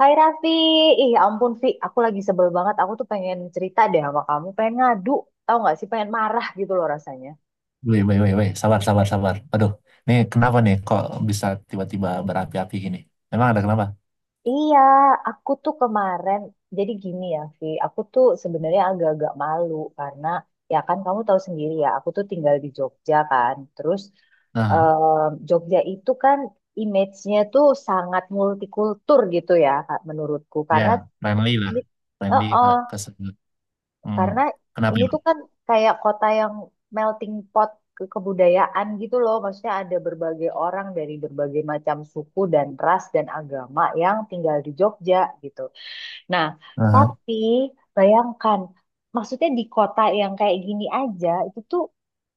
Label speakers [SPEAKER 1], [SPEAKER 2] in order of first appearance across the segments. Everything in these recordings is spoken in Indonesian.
[SPEAKER 1] Hai Raffi, ih ampun Vi, aku lagi sebel banget. Aku tuh pengen cerita deh sama kamu, pengen ngadu, tau nggak sih? Pengen marah gitu loh rasanya.
[SPEAKER 2] Wih, wih, wih, wih. Sabar, sabar, sabar. Aduh, ini kenapa nih kok bisa tiba-tiba berapi-api gini? Memang ada kenapa?
[SPEAKER 1] Iya, aku tuh kemarin jadi gini ya, Vi. Aku tuh sebenarnya agak-agak malu karena ya kan kamu tahu sendiri ya, aku tuh tinggal di Jogja kan. Terus
[SPEAKER 2] Nah,
[SPEAKER 1] Jogja itu kan image-nya tuh sangat multikultur gitu ya, Kak, menurutku.
[SPEAKER 2] ya,
[SPEAKER 1] Karena
[SPEAKER 2] friendly lah.
[SPEAKER 1] ini,
[SPEAKER 2] Friendly ke,
[SPEAKER 1] heeh,
[SPEAKER 2] ke se- Hmm.
[SPEAKER 1] karena
[SPEAKER 2] Kenapa
[SPEAKER 1] ini
[SPEAKER 2] ya,
[SPEAKER 1] tuh
[SPEAKER 2] Bang?
[SPEAKER 1] kan kayak kota yang melting pot ke kebudayaan gitu loh. Maksudnya ada berbagai orang dari berbagai macam suku dan ras dan agama yang tinggal di Jogja gitu. Nah,
[SPEAKER 2] Aha.
[SPEAKER 1] tapi bayangkan, maksudnya di kota yang kayak gini aja itu tuh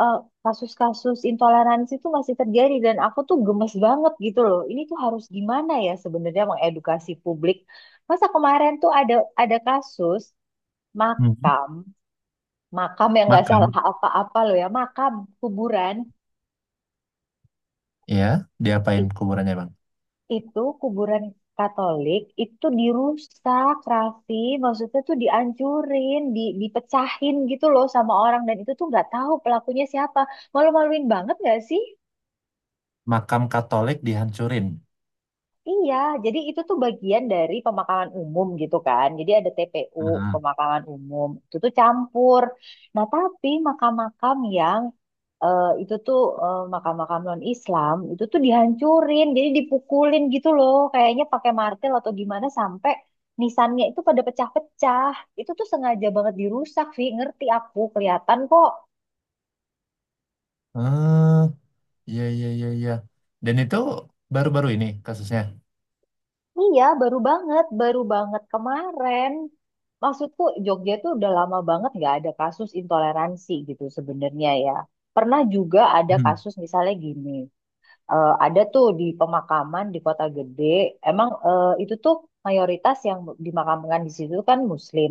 [SPEAKER 1] eh, kasus-kasus intoleransi tuh masih terjadi dan aku tuh gemes banget gitu loh. Ini tuh harus gimana ya sebenarnya mengedukasi publik. Masa kemarin tuh ada kasus
[SPEAKER 2] Hmm.
[SPEAKER 1] makam makam yang nggak salah
[SPEAKER 2] Makan.
[SPEAKER 1] apa-apa loh ya. Makam, kuburan,
[SPEAKER 2] Ya, diapain
[SPEAKER 1] i-
[SPEAKER 2] kuburannya, Bang?
[SPEAKER 1] itu kuburan Katolik itu dirusak, Raffi. Maksudnya tuh dihancurin, dipecahin gitu loh sama orang. Dan itu tuh nggak tahu pelakunya siapa. Malu-maluin banget nggak sih?
[SPEAKER 2] Makam Katolik dihancurin.
[SPEAKER 1] Iya, jadi itu tuh bagian dari pemakaman umum gitu kan. Jadi ada TPU,
[SPEAKER 2] Aha.
[SPEAKER 1] pemakaman umum. Itu tuh campur. Nah, tapi eh, itu tuh makam-makam non-Islam, itu tuh dihancurin. Jadi dipukulin gitu loh. Kayaknya pakai martil atau gimana sampai nisannya itu pada pecah-pecah. Itu tuh sengaja banget dirusak, Vi. Ngerti aku, kelihatan kok.
[SPEAKER 2] Hmm, iya, iya, iya, iya. Dan itu baru-baru ini kasusnya.
[SPEAKER 1] Iya, baru banget kemarin. Maksudku Jogja tuh udah lama banget nggak ada kasus intoleransi gitu sebenarnya ya. Pernah juga ada
[SPEAKER 2] Hmm.
[SPEAKER 1] kasus misalnya gini. Eh, ada tuh di pemakaman di kota gede. Emang itu tuh mayoritas yang dimakamkan di situ kan Muslim.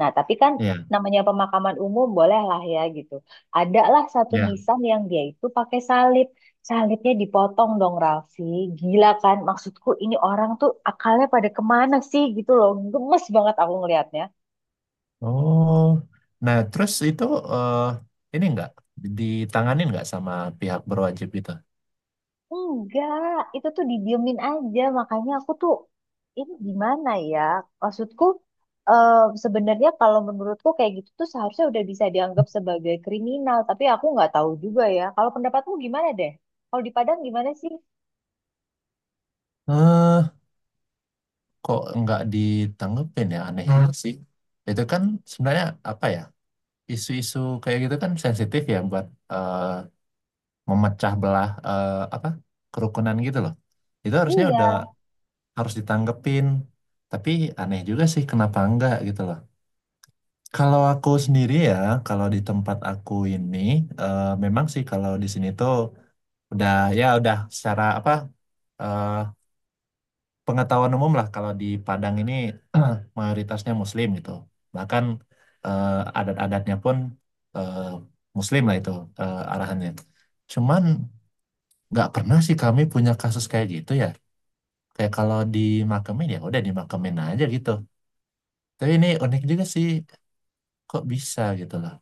[SPEAKER 1] Nah, tapi kan
[SPEAKER 2] Iya,
[SPEAKER 1] namanya pemakaman umum boleh lah ya gitu. Ada lah satu
[SPEAKER 2] iya.
[SPEAKER 1] nisan yang dia itu pakai salib. Salibnya dipotong dong Raffi. Gila kan? Maksudku ini orang tuh akalnya pada kemana sih gitu loh. Gemes banget aku ngelihatnya.
[SPEAKER 2] Oh, nah terus itu eh, ini nggak ditanganin nggak sama pihak berwajib itu?
[SPEAKER 1] Enggak, itu tuh didiemin aja. Makanya aku tuh ini gimana ya? Maksudku eh, sebenarnya kalau menurutku kayak gitu tuh seharusnya udah bisa dianggap sebagai kriminal. Tapi aku nggak tahu juga ya. Kalau pendapatmu gimana deh? Kalau di Padang gimana sih?
[SPEAKER 2] Eh, kok nggak ditanggepin ya? Aneh juga sih. Itu kan sebenarnya apa ya? Isu-isu kayak gitu kan sensitif ya buat eh, memecah belah eh, apa kerukunan gitu loh. Itu harusnya
[SPEAKER 1] Iya,
[SPEAKER 2] udah harus ditanggepin. Tapi aneh juga sih kenapa enggak gitu loh. Kalau aku sendiri ya, kalau di tempat aku ini, memang sih kalau di sini tuh udah ya udah secara apa eh, pengetahuan umum lah kalau di Padang ini mayoritasnya Muslim gitu, bahkan adat-adatnya pun eh, Muslim lah itu arahannya. Cuman nggak pernah sih kami punya kasus kayak gitu ya, kayak kalau dimakamin ya udah dimakamin aja gitu. Tapi ini unik juga sih, kok bisa gitu loh.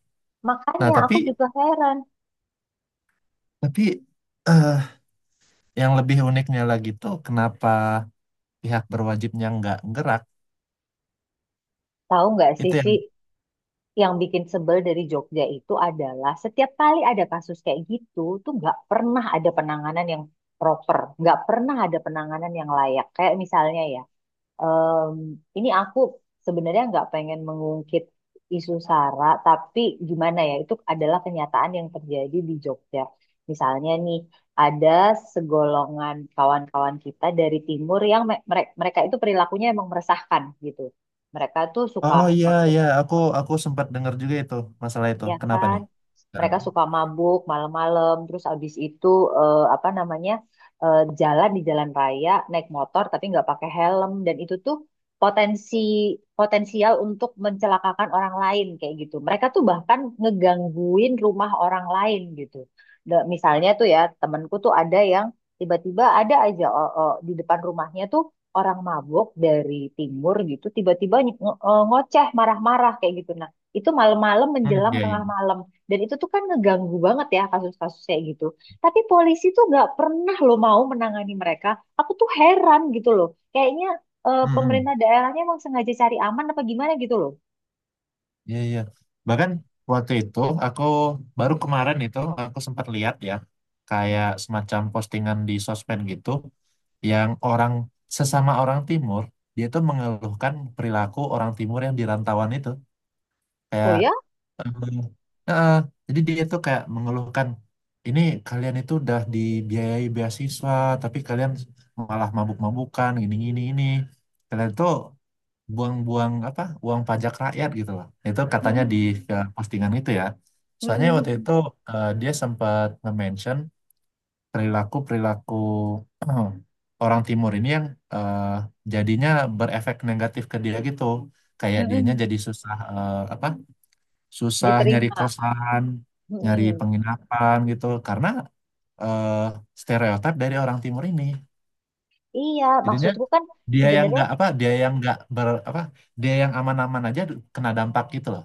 [SPEAKER 2] Nah,
[SPEAKER 1] makanya
[SPEAKER 2] tapi
[SPEAKER 1] aku juga heran.
[SPEAKER 2] tapi eh, yang lebih uniknya lagi tuh kenapa pihak berwajibnya nggak gerak,
[SPEAKER 1] Tahu nggak
[SPEAKER 2] itu
[SPEAKER 1] sih,
[SPEAKER 2] yang.
[SPEAKER 1] Vi, yang bikin sebel dari Jogja itu adalah setiap kali ada kasus kayak gitu tuh nggak pernah ada penanganan yang proper, nggak pernah ada penanganan yang layak. Kayak misalnya ya. Em, ini aku sebenarnya nggak pengen mengungkit isu SARA, tapi gimana ya, itu adalah kenyataan yang terjadi di Jogja. Misalnya nih, ada segolongan kawan-kawan kita dari timur yang mereka itu perilakunya emang meresahkan gitu. Mereka tuh suka
[SPEAKER 2] Oh iya, iya, aku sempat dengar juga itu masalah itu.
[SPEAKER 1] ya
[SPEAKER 2] Kenapa
[SPEAKER 1] kan?
[SPEAKER 2] nih? Sekarang.
[SPEAKER 1] Mereka suka mabuk malam-malam, terus abis itu eh, apa namanya jalan di jalan raya naik motor tapi nggak pakai helm dan itu tuh potensi potensial untuk mencelakakan orang lain kayak gitu. Mereka tuh bahkan ngegangguin rumah orang lain gitu. Misalnya tuh ya temanku tuh ada yang tiba-tiba ada aja di depan rumahnya tuh orang mabuk dari timur gitu tiba-tiba ngoceh marah-marah kayak gitu itu malam-malam
[SPEAKER 2] Hmm,
[SPEAKER 1] menjelang
[SPEAKER 2] iya
[SPEAKER 1] tengah
[SPEAKER 2] iya.
[SPEAKER 1] malam. Dan itu tuh kan ngeganggu banget ya kasus kasusnya gitu, tapi polisi tuh nggak pernah lo mau menangani mereka. Aku tuh heran gitu loh. Kayaknya
[SPEAKER 2] Hmm,
[SPEAKER 1] pemerintah
[SPEAKER 2] hmm.
[SPEAKER 1] daerahnya emang sengaja cari aman apa gimana gitu loh.
[SPEAKER 2] Iya iya. Bahkan waktu itu aku baru kemarin itu aku sempat lihat ya, kayak semacam postingan di sosmed gitu yang orang, sesama orang timur, dia tuh mengeluhkan perilaku orang timur yang di rantauan itu.
[SPEAKER 1] Oh
[SPEAKER 2] Kayak.
[SPEAKER 1] ya.
[SPEAKER 2] Eh, eh, jadi dia tuh kayak mengeluhkan ini, kalian itu udah dibiayai beasiswa tapi kalian malah mabuk-mabukan gini gini ini, kalian tuh buang-buang apa uang pajak rakyat gitu loh, itu katanya
[SPEAKER 1] Mm-mm.
[SPEAKER 2] di postingan itu ya. Soalnya waktu
[SPEAKER 1] Mm-mm.
[SPEAKER 2] itu dia sempat nge-mention perilaku-perilaku orang timur ini yang eh, jadinya berefek negatif ke dia gitu, kayak dianya
[SPEAKER 1] Mm-mm.
[SPEAKER 2] jadi susah eh, apa, susah nyari
[SPEAKER 1] Diterima.
[SPEAKER 2] kosan, nyari
[SPEAKER 1] Mm-mm.
[SPEAKER 2] penginapan gitu karena eh, stereotip dari orang timur ini.
[SPEAKER 1] Iya
[SPEAKER 2] Jadinya
[SPEAKER 1] maksudku kan
[SPEAKER 2] dia yang
[SPEAKER 1] sebenarnya
[SPEAKER 2] nggak apa, dia yang nggak ber apa, dia yang aman-aman aja kena dampak gitu loh.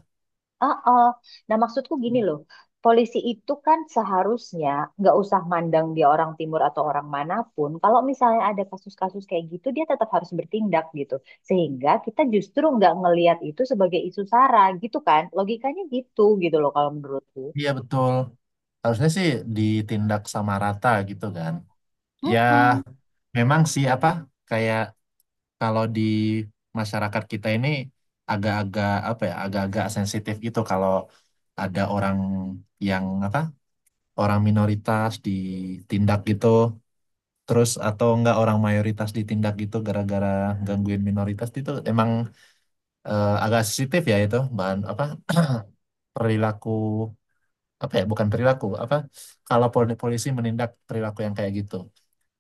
[SPEAKER 1] ah, ah. Nah, maksudku gini loh, polisi itu kan seharusnya nggak usah mandang dia orang timur atau orang manapun. Kalau misalnya ada kasus-kasus kayak gitu, dia tetap harus bertindak gitu. Sehingga kita justru nggak ngelihat itu sebagai isu sara gitu kan. Logikanya gitu gitu loh kalau menurutku.
[SPEAKER 2] Iya betul. Harusnya sih ditindak sama rata gitu kan. Ya
[SPEAKER 1] Mm-mm.
[SPEAKER 2] memang sih apa, kayak kalau di masyarakat kita ini agak-agak apa ya, agak-agak sensitif gitu kalau ada orang yang apa, orang minoritas ditindak gitu, terus atau enggak orang mayoritas ditindak gitu gara-gara gangguin minoritas, itu emang agak sensitif ya, itu bahan apa perilaku, apa ya, bukan perilaku, apa kalau polisi menindak perilaku yang kayak gitu,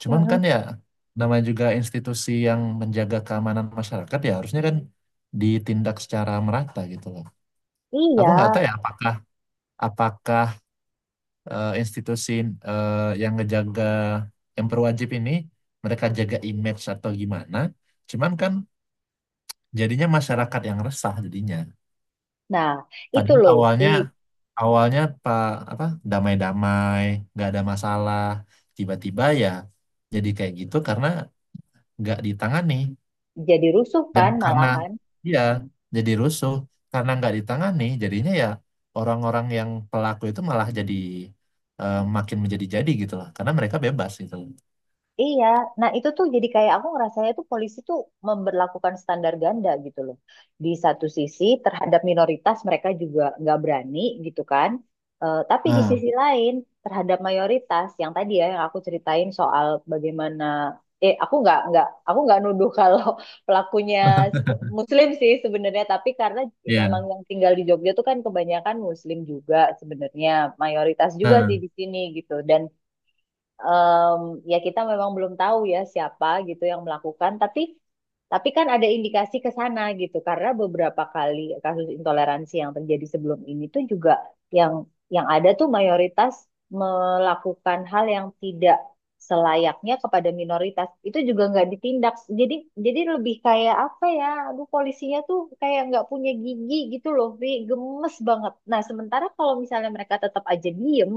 [SPEAKER 2] cuman kan
[SPEAKER 1] Mm-mm.
[SPEAKER 2] ya namanya juga institusi yang menjaga keamanan masyarakat, ya harusnya kan ditindak secara merata gitu loh. Aku
[SPEAKER 1] Iya.
[SPEAKER 2] nggak tahu ya, apakah, apakah institusi eh, yang ngejaga, yang berwajib ini, mereka jaga image atau gimana, cuman kan jadinya masyarakat yang resah jadinya,
[SPEAKER 1] Nah, itu
[SPEAKER 2] padahal
[SPEAKER 1] loh.
[SPEAKER 2] awalnya, awalnya pak apa, damai-damai nggak ada masalah, tiba-tiba ya jadi kayak gitu karena nggak ditangani.
[SPEAKER 1] Jadi rusuh
[SPEAKER 2] Dan
[SPEAKER 1] kan
[SPEAKER 2] karena,
[SPEAKER 1] malahan.
[SPEAKER 2] iya, jadi rusuh karena nggak ditangani jadinya ya orang-orang yang pelaku itu malah jadi makin menjadi-jadi gitu loh karena mereka bebas gitu loh.
[SPEAKER 1] Iya, nah itu tuh jadi kayak aku ngerasanya tuh polisi tuh memberlakukan standar ganda gitu loh. Di satu sisi terhadap minoritas mereka juga nggak berani gitu kan. Eh, tapi di
[SPEAKER 2] Nah.
[SPEAKER 1] sisi lain terhadap mayoritas yang tadi ya yang aku ceritain soal bagaimana, eh, aku nggak nuduh kalau pelakunya Muslim sih sebenarnya, tapi karena memang
[SPEAKER 2] Iya.
[SPEAKER 1] yang tinggal di Jogja tuh kan kebanyakan Muslim juga sebenarnya, mayoritas juga sih
[SPEAKER 2] Nah.
[SPEAKER 1] di sini gitu dan em, ya kita memang belum tahu ya siapa gitu yang melakukan, tapi kan ada indikasi ke sana gitu karena beberapa kali kasus intoleransi yang terjadi sebelum ini tuh juga yang yang ada tuh mayoritas melakukan hal yang tidak selayaknya kepada minoritas itu juga nggak ditindak. Jadi jadi lebih kayak apa ya, aduh polisinya tuh kayak nggak punya gigi gitu loh Vi, gemes banget. Nah sementara kalau misalnya mereka tetap aja diem,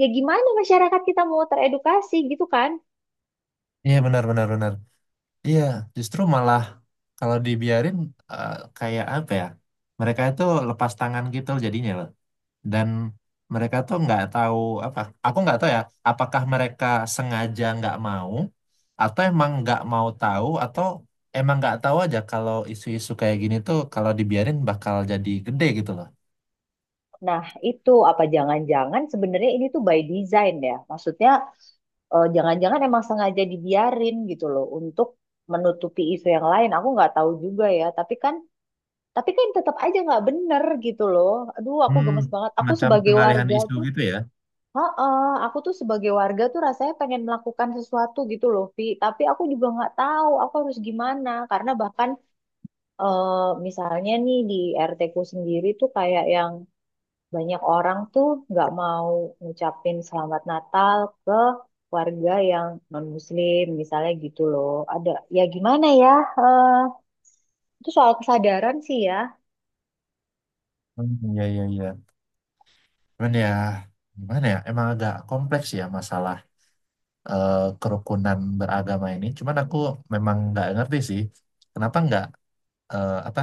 [SPEAKER 1] ya gimana masyarakat kita mau teredukasi gitu kan?
[SPEAKER 2] Iya, benar benar benar. Iya, justru malah kalau dibiarin, eh, kayak apa ya? Mereka itu lepas tangan gitu jadinya loh. Dan mereka tuh nggak tahu apa. Aku nggak tahu ya. Apakah mereka sengaja nggak mau, atau emang nggak mau tahu, atau emang nggak tahu aja kalau isu-isu kayak gini tuh kalau dibiarin bakal jadi gede gitu loh.
[SPEAKER 1] Nah, itu apa jangan-jangan sebenarnya ini tuh by design ya. Maksudnya jangan-jangan emang sengaja dibiarin gitu loh untuk menutupi isu yang lain. Aku nggak tahu juga ya, tapi kan tetap aja nggak bener gitu loh. Aduh, aku
[SPEAKER 2] Hmm,
[SPEAKER 1] gemes banget. Aku
[SPEAKER 2] macam
[SPEAKER 1] sebagai
[SPEAKER 2] pengalihan
[SPEAKER 1] warga
[SPEAKER 2] isu
[SPEAKER 1] tuh,
[SPEAKER 2] gitu ya.
[SPEAKER 1] heeh, aku tuh sebagai warga tuh rasanya pengen melakukan sesuatu gitu loh, Vi. Tapi aku juga nggak tahu aku harus gimana karena bahkan misalnya nih di RT ku sendiri tuh kayak yang banyak orang tuh nggak mau ngucapin selamat Natal ke warga yang non-Muslim misalnya gitu loh. Ada ya gimana ya? eh, itu soal kesadaran sih ya.
[SPEAKER 2] Hmm, iya iya iya. Cuman ya gimana ya? Emang agak kompleks ya masalah kerukunan beragama ini. Cuman aku memang nggak ngerti sih, kenapa nggak apa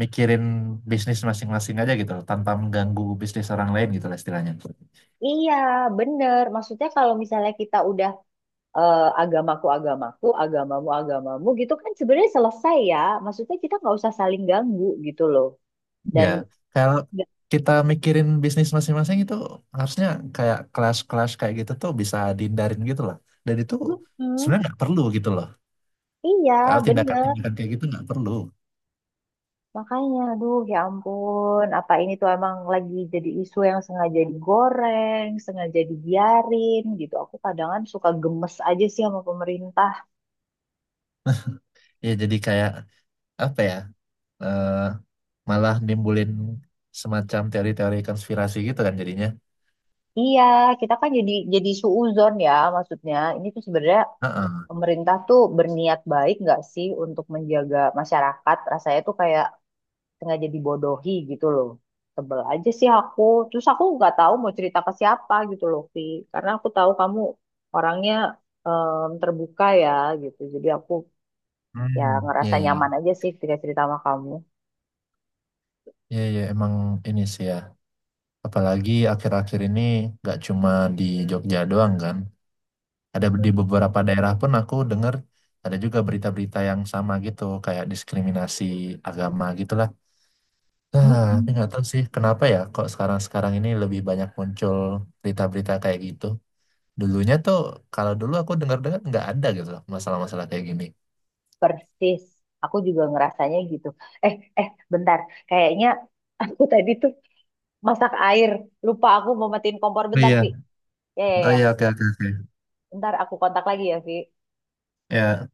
[SPEAKER 2] mikirin bisnis masing-masing aja gitu loh, tanpa mengganggu bisnis orang lain gitu lah istilahnya.
[SPEAKER 1] Iya, bener. Maksudnya kalau misalnya kita udah agamaku agamaku, agamamu agamamu gitu kan sebenarnya selesai ya. Maksudnya kita nggak usah saling ganggu gitu loh.
[SPEAKER 2] Ya,
[SPEAKER 1] Dan
[SPEAKER 2] kalau
[SPEAKER 1] nggak-
[SPEAKER 2] kita mikirin bisnis masing-masing itu harusnya kayak kelas-kelas kayak gitu tuh bisa dihindarin gitu lah. Dan itu
[SPEAKER 1] Mm-mm.
[SPEAKER 2] sebenarnya nggak perlu gitu loh.
[SPEAKER 1] Iya,
[SPEAKER 2] Kalau
[SPEAKER 1] bener.
[SPEAKER 2] tindakan-tindakan kayak gitu nggak perlu.
[SPEAKER 1] Makanya, aduh ya ampun, apa ini tuh emang lagi jadi isu yang sengaja digoreng, sengaja dibiarin gitu. Aku kadang suka gemes aja sih sama pemerintah.
[SPEAKER 2] Ya jadi kayak apa ya? eh, Malah nimbulin semacam teori-teori konspirasi gitu kan jadinya.
[SPEAKER 1] Iya, kita kan jadi suuzon ya maksudnya. Ini tuh sebenarnya
[SPEAKER 2] Heeh.
[SPEAKER 1] pemerintah tuh berniat baik nggak sih untuk menjaga masyarakat? Rasanya tuh kayak sengaja dibodohi gitu loh. Sebel aja sih aku. Terus aku nggak tahu mau cerita ke siapa gitu loh Vi, karena aku tahu kamu orangnya terbuka ya gitu, jadi aku ya
[SPEAKER 2] Hmm,
[SPEAKER 1] ngerasa
[SPEAKER 2] iya iya.
[SPEAKER 1] nyaman aja sih ketika cerita sama kamu.
[SPEAKER 2] Iya iya, emang ini sih ya. Apalagi akhir-akhir ini nggak cuma di Jogja doang kan. Ada di beberapa daerah pun aku dengar ada juga berita-berita yang sama gitu, kayak diskriminasi agama gitulah. Nah, tapi
[SPEAKER 1] Mm-mm.
[SPEAKER 2] nggak tahu sih kenapa ya kok sekarang-sekarang ini lebih banyak muncul berita-berita kayak gitu. Dulunya tuh, kalau dulu aku dengar-dengar nggak ada gitu loh masalah-masalah kayak gini.
[SPEAKER 1] Persis, aku juga ngerasanya gitu. eh eh Bentar, kayaknya aku tadi tuh masak air, lupa aku mau matiin kompor
[SPEAKER 2] Oh
[SPEAKER 1] bentar Vi.
[SPEAKER 2] iya,
[SPEAKER 1] Ya ya
[SPEAKER 2] oh
[SPEAKER 1] ya,
[SPEAKER 2] iya, oke, oke, oke.
[SPEAKER 1] bentar aku kontak lagi ya Vi.
[SPEAKER 2] Ya,